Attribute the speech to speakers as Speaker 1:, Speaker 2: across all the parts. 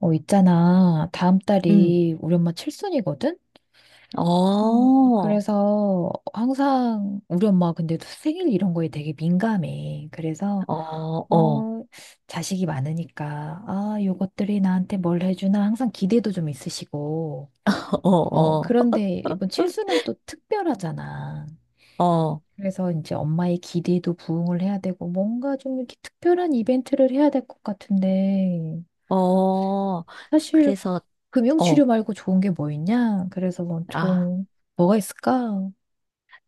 Speaker 1: 있잖아. 다음
Speaker 2: 음.
Speaker 1: 달이 우리 엄마 칠순이거든?
Speaker 2: 어,
Speaker 1: 음,
Speaker 2: 어,
Speaker 1: 그래서 항상 우리 엄마 근데 도 생일 이런 거에 되게 민감해. 그래서,
Speaker 2: 어,
Speaker 1: 어, 자식이 많으니까, 아, 요것들이 나한테 뭘 해주나 항상 기대도 좀 있으시고.
Speaker 2: 어,
Speaker 1: 그런데 이번 칠순은 또 특별하잖아.
Speaker 2: 어, 어,
Speaker 1: 그래서 이제 엄마의 기대도 부응을 해야 되고, 뭔가 좀 이렇게 특별한 이벤트를 해야 될 것 같은데,
Speaker 2: 어.
Speaker 1: 사실
Speaker 2: 그래서, 어,
Speaker 1: 금융치료 말고 좋은 게 뭐 있냐? 그래서 뭐
Speaker 2: 아,
Speaker 1: 좀, 뭐가 있을까?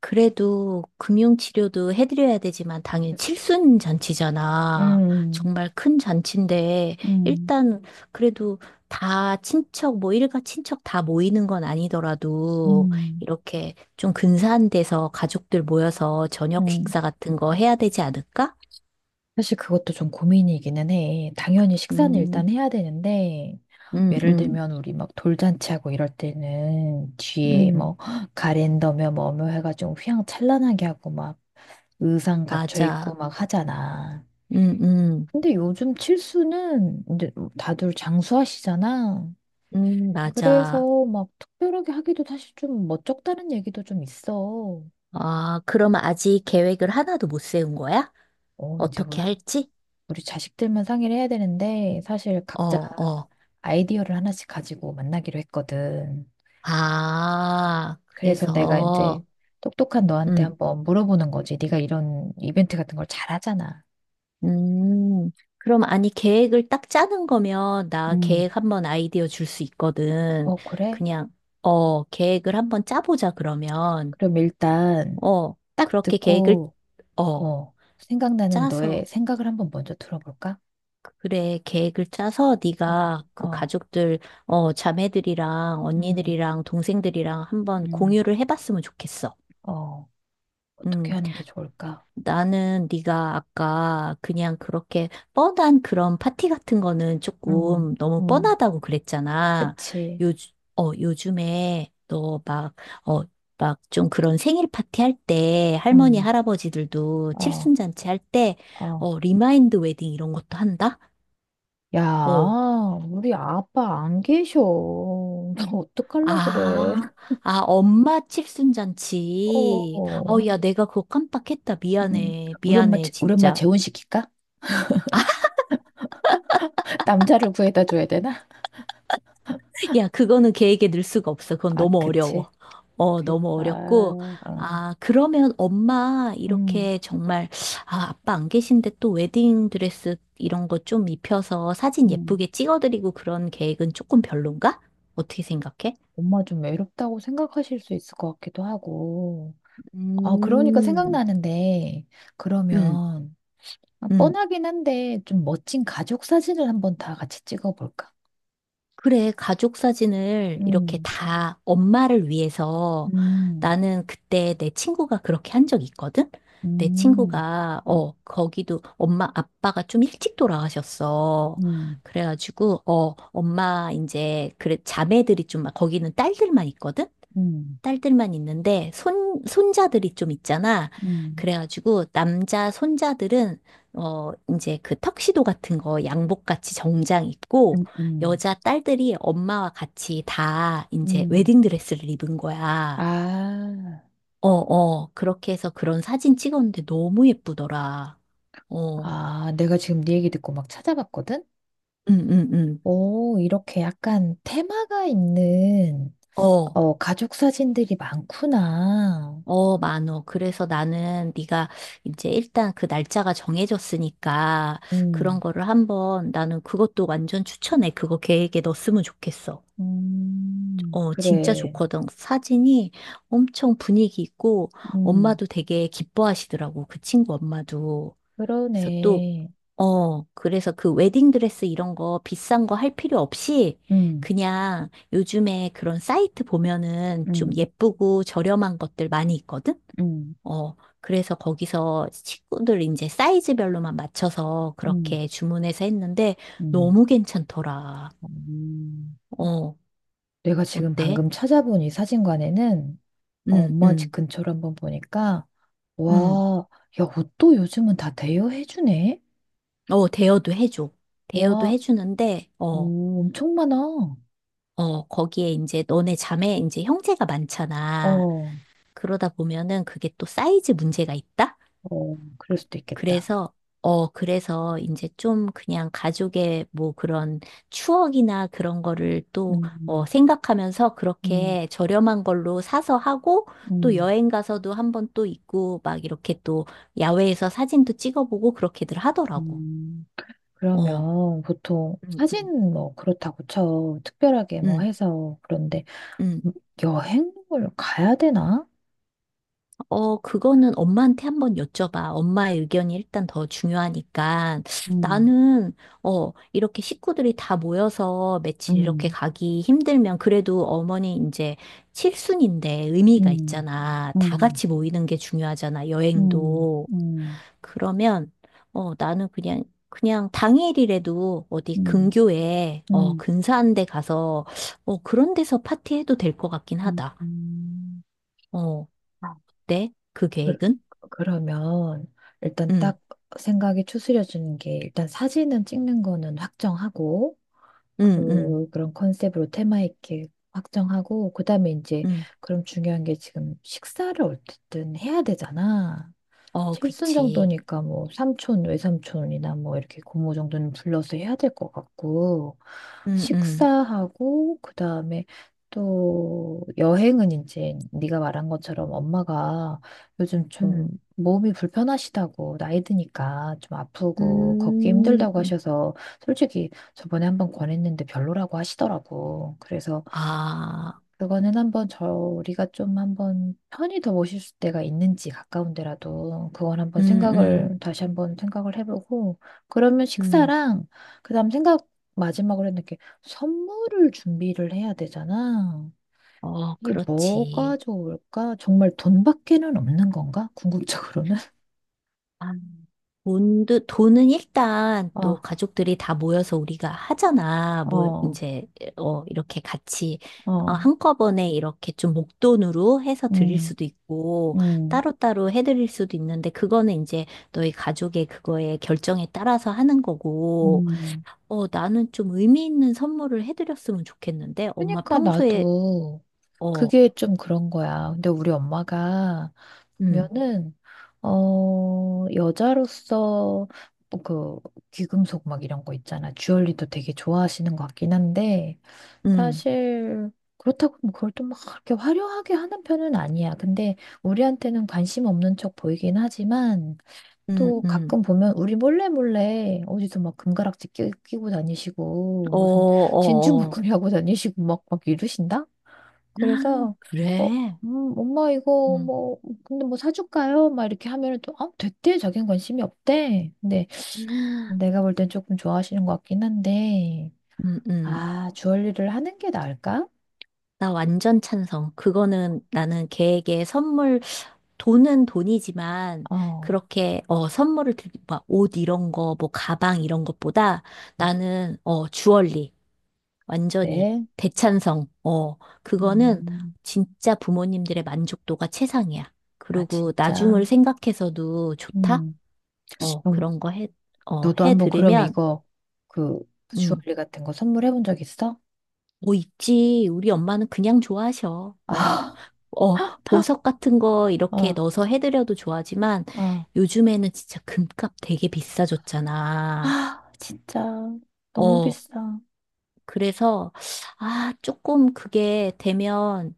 Speaker 2: 그래도 금융치료도 해드려야 되지만 당연히 칠순 잔치잖아.
Speaker 1: 음,
Speaker 2: 정말 큰 잔치인데,
Speaker 1: 음,
Speaker 2: 일단 그래도 다 친척, 뭐 일가 친척 다 모이는 건 아니더라도,
Speaker 1: 음,
Speaker 2: 이렇게 좀 근사한 데서 가족들 모여서 저녁
Speaker 1: 음.
Speaker 2: 식사 같은 거 해야 되지 않을까?
Speaker 1: 사실 그것도 좀 고민이기는 해. 당연히 식사는
Speaker 2: 음,
Speaker 1: 일단 해야 되는데,
Speaker 2: 음,
Speaker 1: 예를
Speaker 2: 음.
Speaker 1: 들면 우리 막 돌잔치하고 이럴 때는 뒤에
Speaker 2: 음.
Speaker 1: 뭐 가랜더며 뭐며 해가지고 휘황찬란하게 하고 막 의상 갖춰
Speaker 2: 맞아.
Speaker 1: 입고 막 하잖아.
Speaker 2: 음, 음,
Speaker 1: 근데 요즘 칠수는 이제 다들 장수하시잖아.
Speaker 2: 맞아.
Speaker 1: 그래서 막 특별하게 하기도 사실 좀 멋쩍다는 얘기도 좀 있어.
Speaker 2: 아, 그럼 아직 계획을 하나도 못 세운 거야?
Speaker 1: 이제
Speaker 2: 어떻게
Speaker 1: 우리,
Speaker 2: 할지?
Speaker 1: 우리 자식들만 상의를 해야 되는데 사실
Speaker 2: 어,
Speaker 1: 각자
Speaker 2: 어.
Speaker 1: 아이디어를 하나씩 가지고 만나기로 했거든.
Speaker 2: 아,
Speaker 1: 그래서 내가 이제
Speaker 2: 그래서,
Speaker 1: 똑똑한 너한테
Speaker 2: 음,
Speaker 1: 한번 물어보는 거지. 네가 이런 이벤트 같은 걸 잘하잖아.
Speaker 2: 음. 그럼 아니, 계획을 딱 짜는 거면 나
Speaker 1: 음,
Speaker 2: 계획 한번 아이디어 줄 수 있거든.
Speaker 1: 어, 그래?
Speaker 2: 그냥, 계획을 한번 짜보자, 그러면.
Speaker 1: 그럼 일단
Speaker 2: 어,
Speaker 1: 딱
Speaker 2: 그렇게 계획을,
Speaker 1: 듣고,
Speaker 2: 어,
Speaker 1: 생각나는
Speaker 2: 짜서.
Speaker 1: 너의 생각을 한번 먼저 들어볼까?
Speaker 2: 그래, 계획을 짜서
Speaker 1: 어,
Speaker 2: 네가 그
Speaker 1: 어,
Speaker 2: 가족들, 자매들이랑
Speaker 1: 음,
Speaker 2: 언니들이랑 동생들이랑 한번
Speaker 1: 음.
Speaker 2: 공유를 해봤으면 좋겠어.
Speaker 1: 어. 어떻게
Speaker 2: 음,
Speaker 1: 하는 게 좋을까?
Speaker 2: 나는 네가 아까 그냥 그렇게 뻔한 그런 파티 같은 거는
Speaker 1: 음,
Speaker 2: 조금 너무
Speaker 1: 음,
Speaker 2: 뻔하다고 그랬잖아.
Speaker 1: 그치.
Speaker 2: 요즘, 요즘에 너 막, 어, 막 좀 그런 생일 파티 할 때, 할머니,
Speaker 1: 음,
Speaker 2: 할아버지들도
Speaker 1: 어,
Speaker 2: 칠순잔치 할 때,
Speaker 1: 어.
Speaker 2: 리마인드 웨딩 이런 것도 한다? 어,
Speaker 1: 야, 우리 아빠 안 계셔. 나 어떡할라 그래.
Speaker 2: 아, 아, 엄마 칠순잔치. 어,
Speaker 1: 어,
Speaker 2: 야, 내가 그거 깜빡했다.
Speaker 1: 음,
Speaker 2: 미안해. 미안해,
Speaker 1: 우리 엄마
Speaker 2: 진짜.
Speaker 1: 재혼시킬까? 남자를 구해다 줘야 되나?
Speaker 2: 야, 그거는 계획에 넣을 수가 없어. 그건
Speaker 1: 아,
Speaker 2: 너무
Speaker 1: 그치.
Speaker 2: 어려워. 어,
Speaker 1: 그,
Speaker 2: 너무
Speaker 1: 아,
Speaker 2: 어렵고.
Speaker 1: 어,
Speaker 2: 아, 그러면 엄마,
Speaker 1: 음,
Speaker 2: 이렇게 정말, 아, 아빠 안 계신데 또 웨딩 드레스 이런 거 좀 입혀서 사진
Speaker 1: 음.
Speaker 2: 예쁘게 찍어드리고 그런 계획은 조금 별론가? 어떻게 생각해?
Speaker 1: 엄마 좀 외롭다고 생각하실 수 있을 것 같기도 하고. 아, 그러니까
Speaker 2: 음,
Speaker 1: 생각나는데,
Speaker 2: 음,
Speaker 1: 그러면, 아,
Speaker 2: 음.
Speaker 1: 뻔하긴 한데 좀 멋진 가족 사진을 한번 다 같이 찍어볼까?
Speaker 2: 그래, 가족 사진을 이렇게
Speaker 1: 음,
Speaker 2: 다 엄마를 위해서
Speaker 1: 음,
Speaker 2: 나는 그때 내 친구가 그렇게 한 적 있거든? 내
Speaker 1: 음,
Speaker 2: 친구가,
Speaker 1: 음,
Speaker 2: 거기도 엄마, 아빠가 좀 일찍 돌아가셨어.
Speaker 1: 음,
Speaker 2: 그래가지고, 엄마, 이제, 그래, 자매들이 좀, 막- 거기는 딸들만 있거든?
Speaker 1: 음,
Speaker 2: 딸들만 있는데 손 손자들이 좀 있잖아.
Speaker 1: 음,
Speaker 2: 그래가지고 남자 손자들은 어 이제 그 턱시도 같은 거 양복 같이 정장 입고
Speaker 1: 음, 음.
Speaker 2: 여자 딸들이 엄마와 같이 다 이제
Speaker 1: 음.
Speaker 2: 웨딩드레스를 입은 거야.
Speaker 1: 아,
Speaker 2: 어, 어. 그렇게 해서 그런 사진 찍었는데 너무 예쁘더라. 어.
Speaker 1: 아, 내가 지금 네 얘기 듣고 막 찾아봤거든?
Speaker 2: 응, 응, 응.
Speaker 1: 오, 이렇게 약간 테마가 있는
Speaker 2: 어.
Speaker 1: 가족 사진들이 많구나.
Speaker 2: 어, 많어. 그래서 나는 네가 이제 일단 그 날짜가 정해졌으니까 그런
Speaker 1: 음,
Speaker 2: 거를 한번 나는 그것도 완전 추천해. 그거 계획에 넣었으면 좋겠어. 어, 진짜
Speaker 1: 그래.
Speaker 2: 좋거든. 사진이 엄청 분위기 있고
Speaker 1: 음,
Speaker 2: 엄마도 되게 기뻐하시더라고. 그 친구 엄마도. 그래서 또
Speaker 1: 그러네.
Speaker 2: 그래서 그 웨딩드레스 이런 거 비싼 거 할 필요 없이
Speaker 1: 음,
Speaker 2: 그냥 요즘에 그런 사이트 보면은 좀
Speaker 1: 음,
Speaker 2: 예쁘고 저렴한 것들 많이 있거든?
Speaker 1: 음.
Speaker 2: 어, 그래서 거기서 식구들 이제 사이즈별로만 맞춰서
Speaker 1: 음.
Speaker 2: 그렇게 주문해서 했는데
Speaker 1: 음.
Speaker 2: 너무 괜찮더라.
Speaker 1: 음.
Speaker 2: 어,
Speaker 1: 내가 지금
Speaker 2: 어때?
Speaker 1: 방금 찾아본 이 사진관에는
Speaker 2: 응,
Speaker 1: 엄마 집
Speaker 2: 응,
Speaker 1: 근처로 한번 보니까
Speaker 2: 응.
Speaker 1: 와, 야, 옷도 요즘은 다 대여해주네.
Speaker 2: 어, 대여도 해줘. 대여도
Speaker 1: 와,
Speaker 2: 해주는데, 어,
Speaker 1: 오, 엄청 많아. 어,
Speaker 2: 거기에 이제 너네 자매, 이제 형제가 많잖아.
Speaker 1: 어,
Speaker 2: 그러다 보면은 그게 또 사이즈 문제가 있다?
Speaker 1: 그럴 수도 있겠다.
Speaker 2: 그래서, 그래서 이제 좀 그냥 가족의 뭐 그런 추억이나 그런 거를 또,
Speaker 1: 음,
Speaker 2: 생각하면서
Speaker 1: 음,
Speaker 2: 그렇게 저렴한 걸로 사서 하고 또
Speaker 1: 음,
Speaker 2: 여행 가서도 한번 또 있고 막 이렇게 또 야외에서 사진도 찍어보고 그렇게들 하더라고.
Speaker 1: 음.
Speaker 2: 어,
Speaker 1: 그러면 보통
Speaker 2: 음, 음,
Speaker 1: 사진 뭐 그렇다고 쳐. 특별하게 뭐
Speaker 2: 음,
Speaker 1: 해서 그런데
Speaker 2: 음.
Speaker 1: 여행을 가야 되나?
Speaker 2: 어, 그거는 엄마한테 한번 여쭤봐. 엄마의 의견이 일단 더 중요하니까.
Speaker 1: 음,
Speaker 2: 나는, 이렇게 식구들이 다 모여서 며칠 이렇게
Speaker 1: 음,
Speaker 2: 가기 힘들면 그래도 어머니 이제 칠순인데 의미가
Speaker 1: 음.
Speaker 2: 있잖아. 다
Speaker 1: 음.
Speaker 2: 같이 모이는 게 중요하잖아.
Speaker 1: 음,
Speaker 2: 여행도.
Speaker 1: 음,
Speaker 2: 그러면, 어, 나는 그냥, 그냥 당일이라도 어디
Speaker 1: 음,
Speaker 2: 근교에,
Speaker 1: 음,
Speaker 2: 근사한 데 가서, 그런 데서 파티해도 될 것 같긴
Speaker 1: 음,
Speaker 2: 하다.
Speaker 1: 음.
Speaker 2: 어,
Speaker 1: 아,
Speaker 2: 네? 그
Speaker 1: 그,
Speaker 2: 계획은?
Speaker 1: 그러면 일단
Speaker 2: 응.
Speaker 1: 딱 생각이 추스려지는 게 일단 사진은 찍는 거는 확정하고
Speaker 2: 응, 응,
Speaker 1: 그런 컨셉으로 테마 있게 확정하고 그다음에 이제
Speaker 2: 응.
Speaker 1: 그럼 중요한 게 지금 식사를 어쨌든 해야 되잖아.
Speaker 2: 어,
Speaker 1: 칠순
Speaker 2: 그치.
Speaker 1: 정도니까 뭐 삼촌, 외삼촌이나 뭐 이렇게 고모 정도는 불러서 해야 될 것 같고,
Speaker 2: 응, 응,
Speaker 1: 식사하고, 그 다음에 또 여행은 이제 네가 말한 것처럼 엄마가 요즘 좀
Speaker 2: 응.
Speaker 1: 몸이 불편하시다고 나이 드니까 좀 아프고 걷기
Speaker 2: 음,
Speaker 1: 힘들다고
Speaker 2: 음.
Speaker 1: 하셔서 솔직히 저번에 한번 권했는데 별로라고 하시더라고. 그래서
Speaker 2: 아,
Speaker 1: 그거는 한번 저희가 좀 한 번 편히 더 모실 때가 있는지 가까운 데라도 그건 한번
Speaker 2: 응, 응,
Speaker 1: 생각을 다시 한 번 생각을 해보고 그러면
Speaker 2: 응.
Speaker 1: 식사랑 그다음 생각 마지막으로 했는데 이렇게 선물을 준비를 해야 되잖아.
Speaker 2: 어,
Speaker 1: 이게 뭐가
Speaker 2: 그렇지.
Speaker 1: 좋을까? 정말 돈밖에는 없는 건가? 궁극적으로는.
Speaker 2: 아, 돈도, 돈은 일단 또
Speaker 1: 아,
Speaker 2: 가족들이 다 모여서 우리가 하잖아. 뭐,
Speaker 1: 어,
Speaker 2: 이제, 이렇게 같이,
Speaker 1: 어,
Speaker 2: 한꺼번에 이렇게 좀 목돈으로 해서 드릴
Speaker 1: 음,
Speaker 2: 수도 있고,
Speaker 1: 음,
Speaker 2: 따로따로 해드릴 수도 있는데, 그거는 이제 너희 가족의 그거에 결정에 따라서 하는 거고,
Speaker 1: 음.
Speaker 2: 나는 좀 의미 있는 선물을 해드렸으면 좋겠는데, 엄마
Speaker 1: 그러니까
Speaker 2: 평소에,
Speaker 1: 나도
Speaker 2: 어,
Speaker 1: 그게 좀 그런 거야. 근데 우리 엄마가
Speaker 2: 음,
Speaker 1: 면은 여자로서 뭐 그 귀금속 막 이런 거 있잖아. 주얼리도 되게 좋아하시는 것 같긴 한데
Speaker 2: 음,
Speaker 1: 사실 그렇다고 뭐 그걸 또 막 그렇게 화려하게 하는 편은 아니야. 근데 우리한테는 관심 없는 척 보이긴 하지만
Speaker 2: 음,
Speaker 1: 또
Speaker 2: 음,
Speaker 1: 가끔 보면 우리 몰래 몰래 어디서 막 금가락지 끼고 다니시고
Speaker 2: 어,
Speaker 1: 무슨 진주
Speaker 2: 어, 어.
Speaker 1: 목걸이 하고 다니시고 막 이러신다? 그래서 어,
Speaker 2: 그래.
Speaker 1: 엄마 이거
Speaker 2: 음,
Speaker 1: 뭐 근데 뭐 사줄까요? 막 이렇게 하면은 또 아, 됐대 자기는 관심이 없대. 근데 내가 볼 땐 조금 좋아하시는 것 같긴 한데
Speaker 2: 음, 음.
Speaker 1: 아 주얼리를 하는 게 나을까?
Speaker 2: 나 완전 찬성. 그거는 나는 걔에게 선물, 돈은 돈이지만,
Speaker 1: 어,
Speaker 2: 그렇게, 선물을 드리, 막, 옷 이런 거, 뭐, 가방 이런 것보다 나는, 주얼리. 완전히
Speaker 1: 네,
Speaker 2: 대찬성. 어, 그거는
Speaker 1: 음,
Speaker 2: 진짜 부모님들의 만족도가 최상이야.
Speaker 1: 아
Speaker 2: 그리고
Speaker 1: 진짜,
Speaker 2: 나중을 생각해서도 좋다?
Speaker 1: 음,
Speaker 2: 어,
Speaker 1: 그럼
Speaker 2: 그런 거 해, 어,
Speaker 1: 너도
Speaker 2: 해
Speaker 1: 한번 그럼
Speaker 2: 들으면,
Speaker 1: 이거 그
Speaker 2: 음,
Speaker 1: 주얼리 같은 거 선물해본 적 있어?
Speaker 2: 뭐 있지. 우리 엄마는 그냥 좋아하셔. 어,
Speaker 1: 아,
Speaker 2: 보석 같은 거 이렇게
Speaker 1: 어,
Speaker 2: 넣어서 해드려도 좋아하지만
Speaker 1: 어,
Speaker 2: 요즘에는 진짜 금값 되게 비싸졌잖아.
Speaker 1: 아 진짜 너무
Speaker 2: 어,
Speaker 1: 비싸.
Speaker 2: 그래서, 아, 조금 그게 되면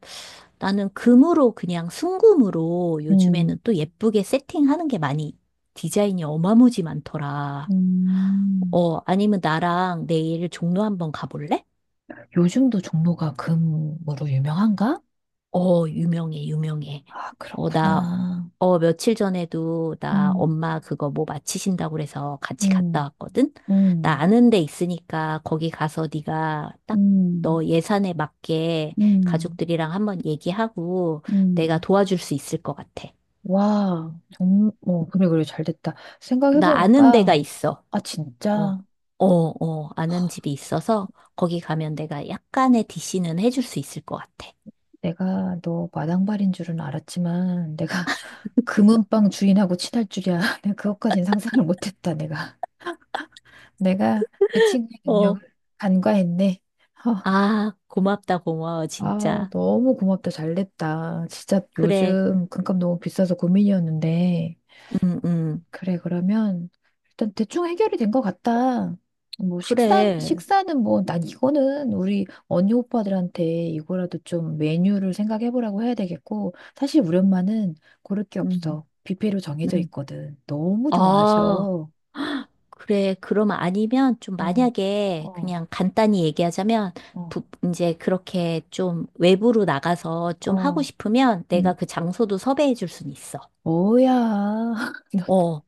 Speaker 2: 나는 금으로 그냥 순금으로
Speaker 1: 음,
Speaker 2: 요즘에는 또 예쁘게 세팅하는 게 많이 디자인이 어마무지 많더라.
Speaker 1: 음.
Speaker 2: 어, 아니면 나랑 내일 종로 한번 가볼래?
Speaker 1: 요즘도 종로가 금으로 유명한가?
Speaker 2: 어, 유명해, 유명해.
Speaker 1: 아,
Speaker 2: 어, 나,
Speaker 1: 그렇구나.
Speaker 2: 며칠 전에도 나
Speaker 1: 음,
Speaker 2: 엄마 그거 뭐 마치신다고 그래서 같이 갔다
Speaker 1: 음,
Speaker 2: 왔거든? 나
Speaker 1: 음,
Speaker 2: 아는 데 있으니까 거기 가서 네가 딱
Speaker 1: 음,
Speaker 2: 너 예산에 맞게
Speaker 1: 음,
Speaker 2: 가족들이랑 한번 얘기하고 내가
Speaker 1: 음.
Speaker 2: 도와줄 수 있을 것 같아.
Speaker 1: 와, 그래, 그래, 잘 됐다.
Speaker 2: 나 아는 데가
Speaker 1: 생각해보니까,
Speaker 2: 있어.
Speaker 1: 아,
Speaker 2: 어,
Speaker 1: 진짜,
Speaker 2: 어, 아는 집이 있어서 거기 가면 내가 약간의 DC는 해줄 수 있을 것 같아.
Speaker 1: 내가 너 마당발인 줄은 알았지만, 내가 금은방 주인하고 친할 줄이야. 내가 그것까진 상상을 못했다, 내가. 내가 내 친구의 능력을
Speaker 2: 어,
Speaker 1: 간과했네.
Speaker 2: 아, 고맙다, 고마워,
Speaker 1: 아,
Speaker 2: 진짜.
Speaker 1: 너무 고맙다. 잘 됐다. 진짜
Speaker 2: 그래,
Speaker 1: 요즘 금값 너무 비싸서 고민이었는데.
Speaker 2: 음, 음,
Speaker 1: 그래, 그러면 일단 대충 해결이 된 것 같다. 뭐 식사,
Speaker 2: 그래,
Speaker 1: 식사는 뭐 난 이거는 우리 언니 오빠들한테 이거라도 좀 메뉴를 생각해보라고 해야 되겠고. 사실 우리 엄마는 고를 게
Speaker 2: 음,
Speaker 1: 없어. 뷔페로 정해져
Speaker 2: 음.
Speaker 1: 있거든. 너무
Speaker 2: 아,
Speaker 1: 좋아하셔.
Speaker 2: 그래, 그러면 아니면 좀
Speaker 1: 어,
Speaker 2: 만약에
Speaker 1: 어,
Speaker 2: 그냥 간단히 얘기하자면
Speaker 1: 어,
Speaker 2: 부, 이제 그렇게 좀 외부로 나가서 좀 하고
Speaker 1: 어.
Speaker 2: 싶으면 내가
Speaker 1: 음,
Speaker 2: 그 장소도 섭외해 줄 순 있어.
Speaker 1: 뭐야.
Speaker 2: 어,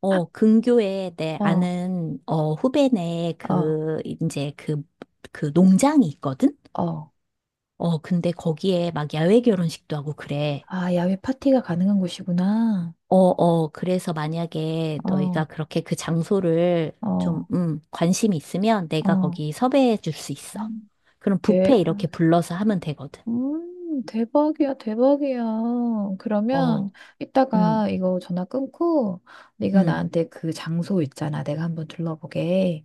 Speaker 2: 어, 근교에 내
Speaker 1: 너, 어,
Speaker 2: 아는 어 후배네
Speaker 1: 어,
Speaker 2: 그 이제 그 농장이 있거든.
Speaker 1: 어.
Speaker 2: 어, 근데 거기에 막 야외 결혼식도 하고 그래.
Speaker 1: 아, 야외 파티가 가능한 곳이구나.
Speaker 2: 어, 어, 그래서 만약에 너희가
Speaker 1: 어,
Speaker 2: 그렇게 그 장소를 좀
Speaker 1: 어,
Speaker 2: 관심이 있으면 내가
Speaker 1: 어.
Speaker 2: 거기 섭외해 줄 수 있어. 그럼 뷔페
Speaker 1: 대,
Speaker 2: 이렇게 불러서 하면 되거든.
Speaker 1: 대박이야, 대박이야. 그러면
Speaker 2: 어, 음,
Speaker 1: 이따가 이거 전화 끊고 네가
Speaker 2: 음,
Speaker 1: 나한테 그 장소 있잖아. 내가 한번 둘러보게.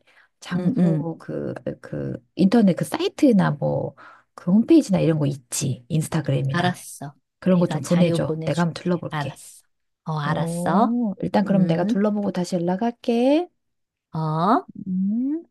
Speaker 2: 음, 음.
Speaker 1: 장소 그 인터넷 그 사이트나 뭐 그 홈페이지나 이런 거 있지. 인스타그램이나.
Speaker 2: 알았어.
Speaker 1: 그런 거
Speaker 2: 내가
Speaker 1: 좀
Speaker 2: 자료
Speaker 1: 보내줘. 내가
Speaker 2: 보내줄게.
Speaker 1: 한번 둘러볼게.
Speaker 2: 알았어. 어, 알았어.
Speaker 1: 오, 일단 그럼 내가
Speaker 2: 음,
Speaker 1: 둘러보고 다시 연락할게.
Speaker 2: 어.
Speaker 1: 음.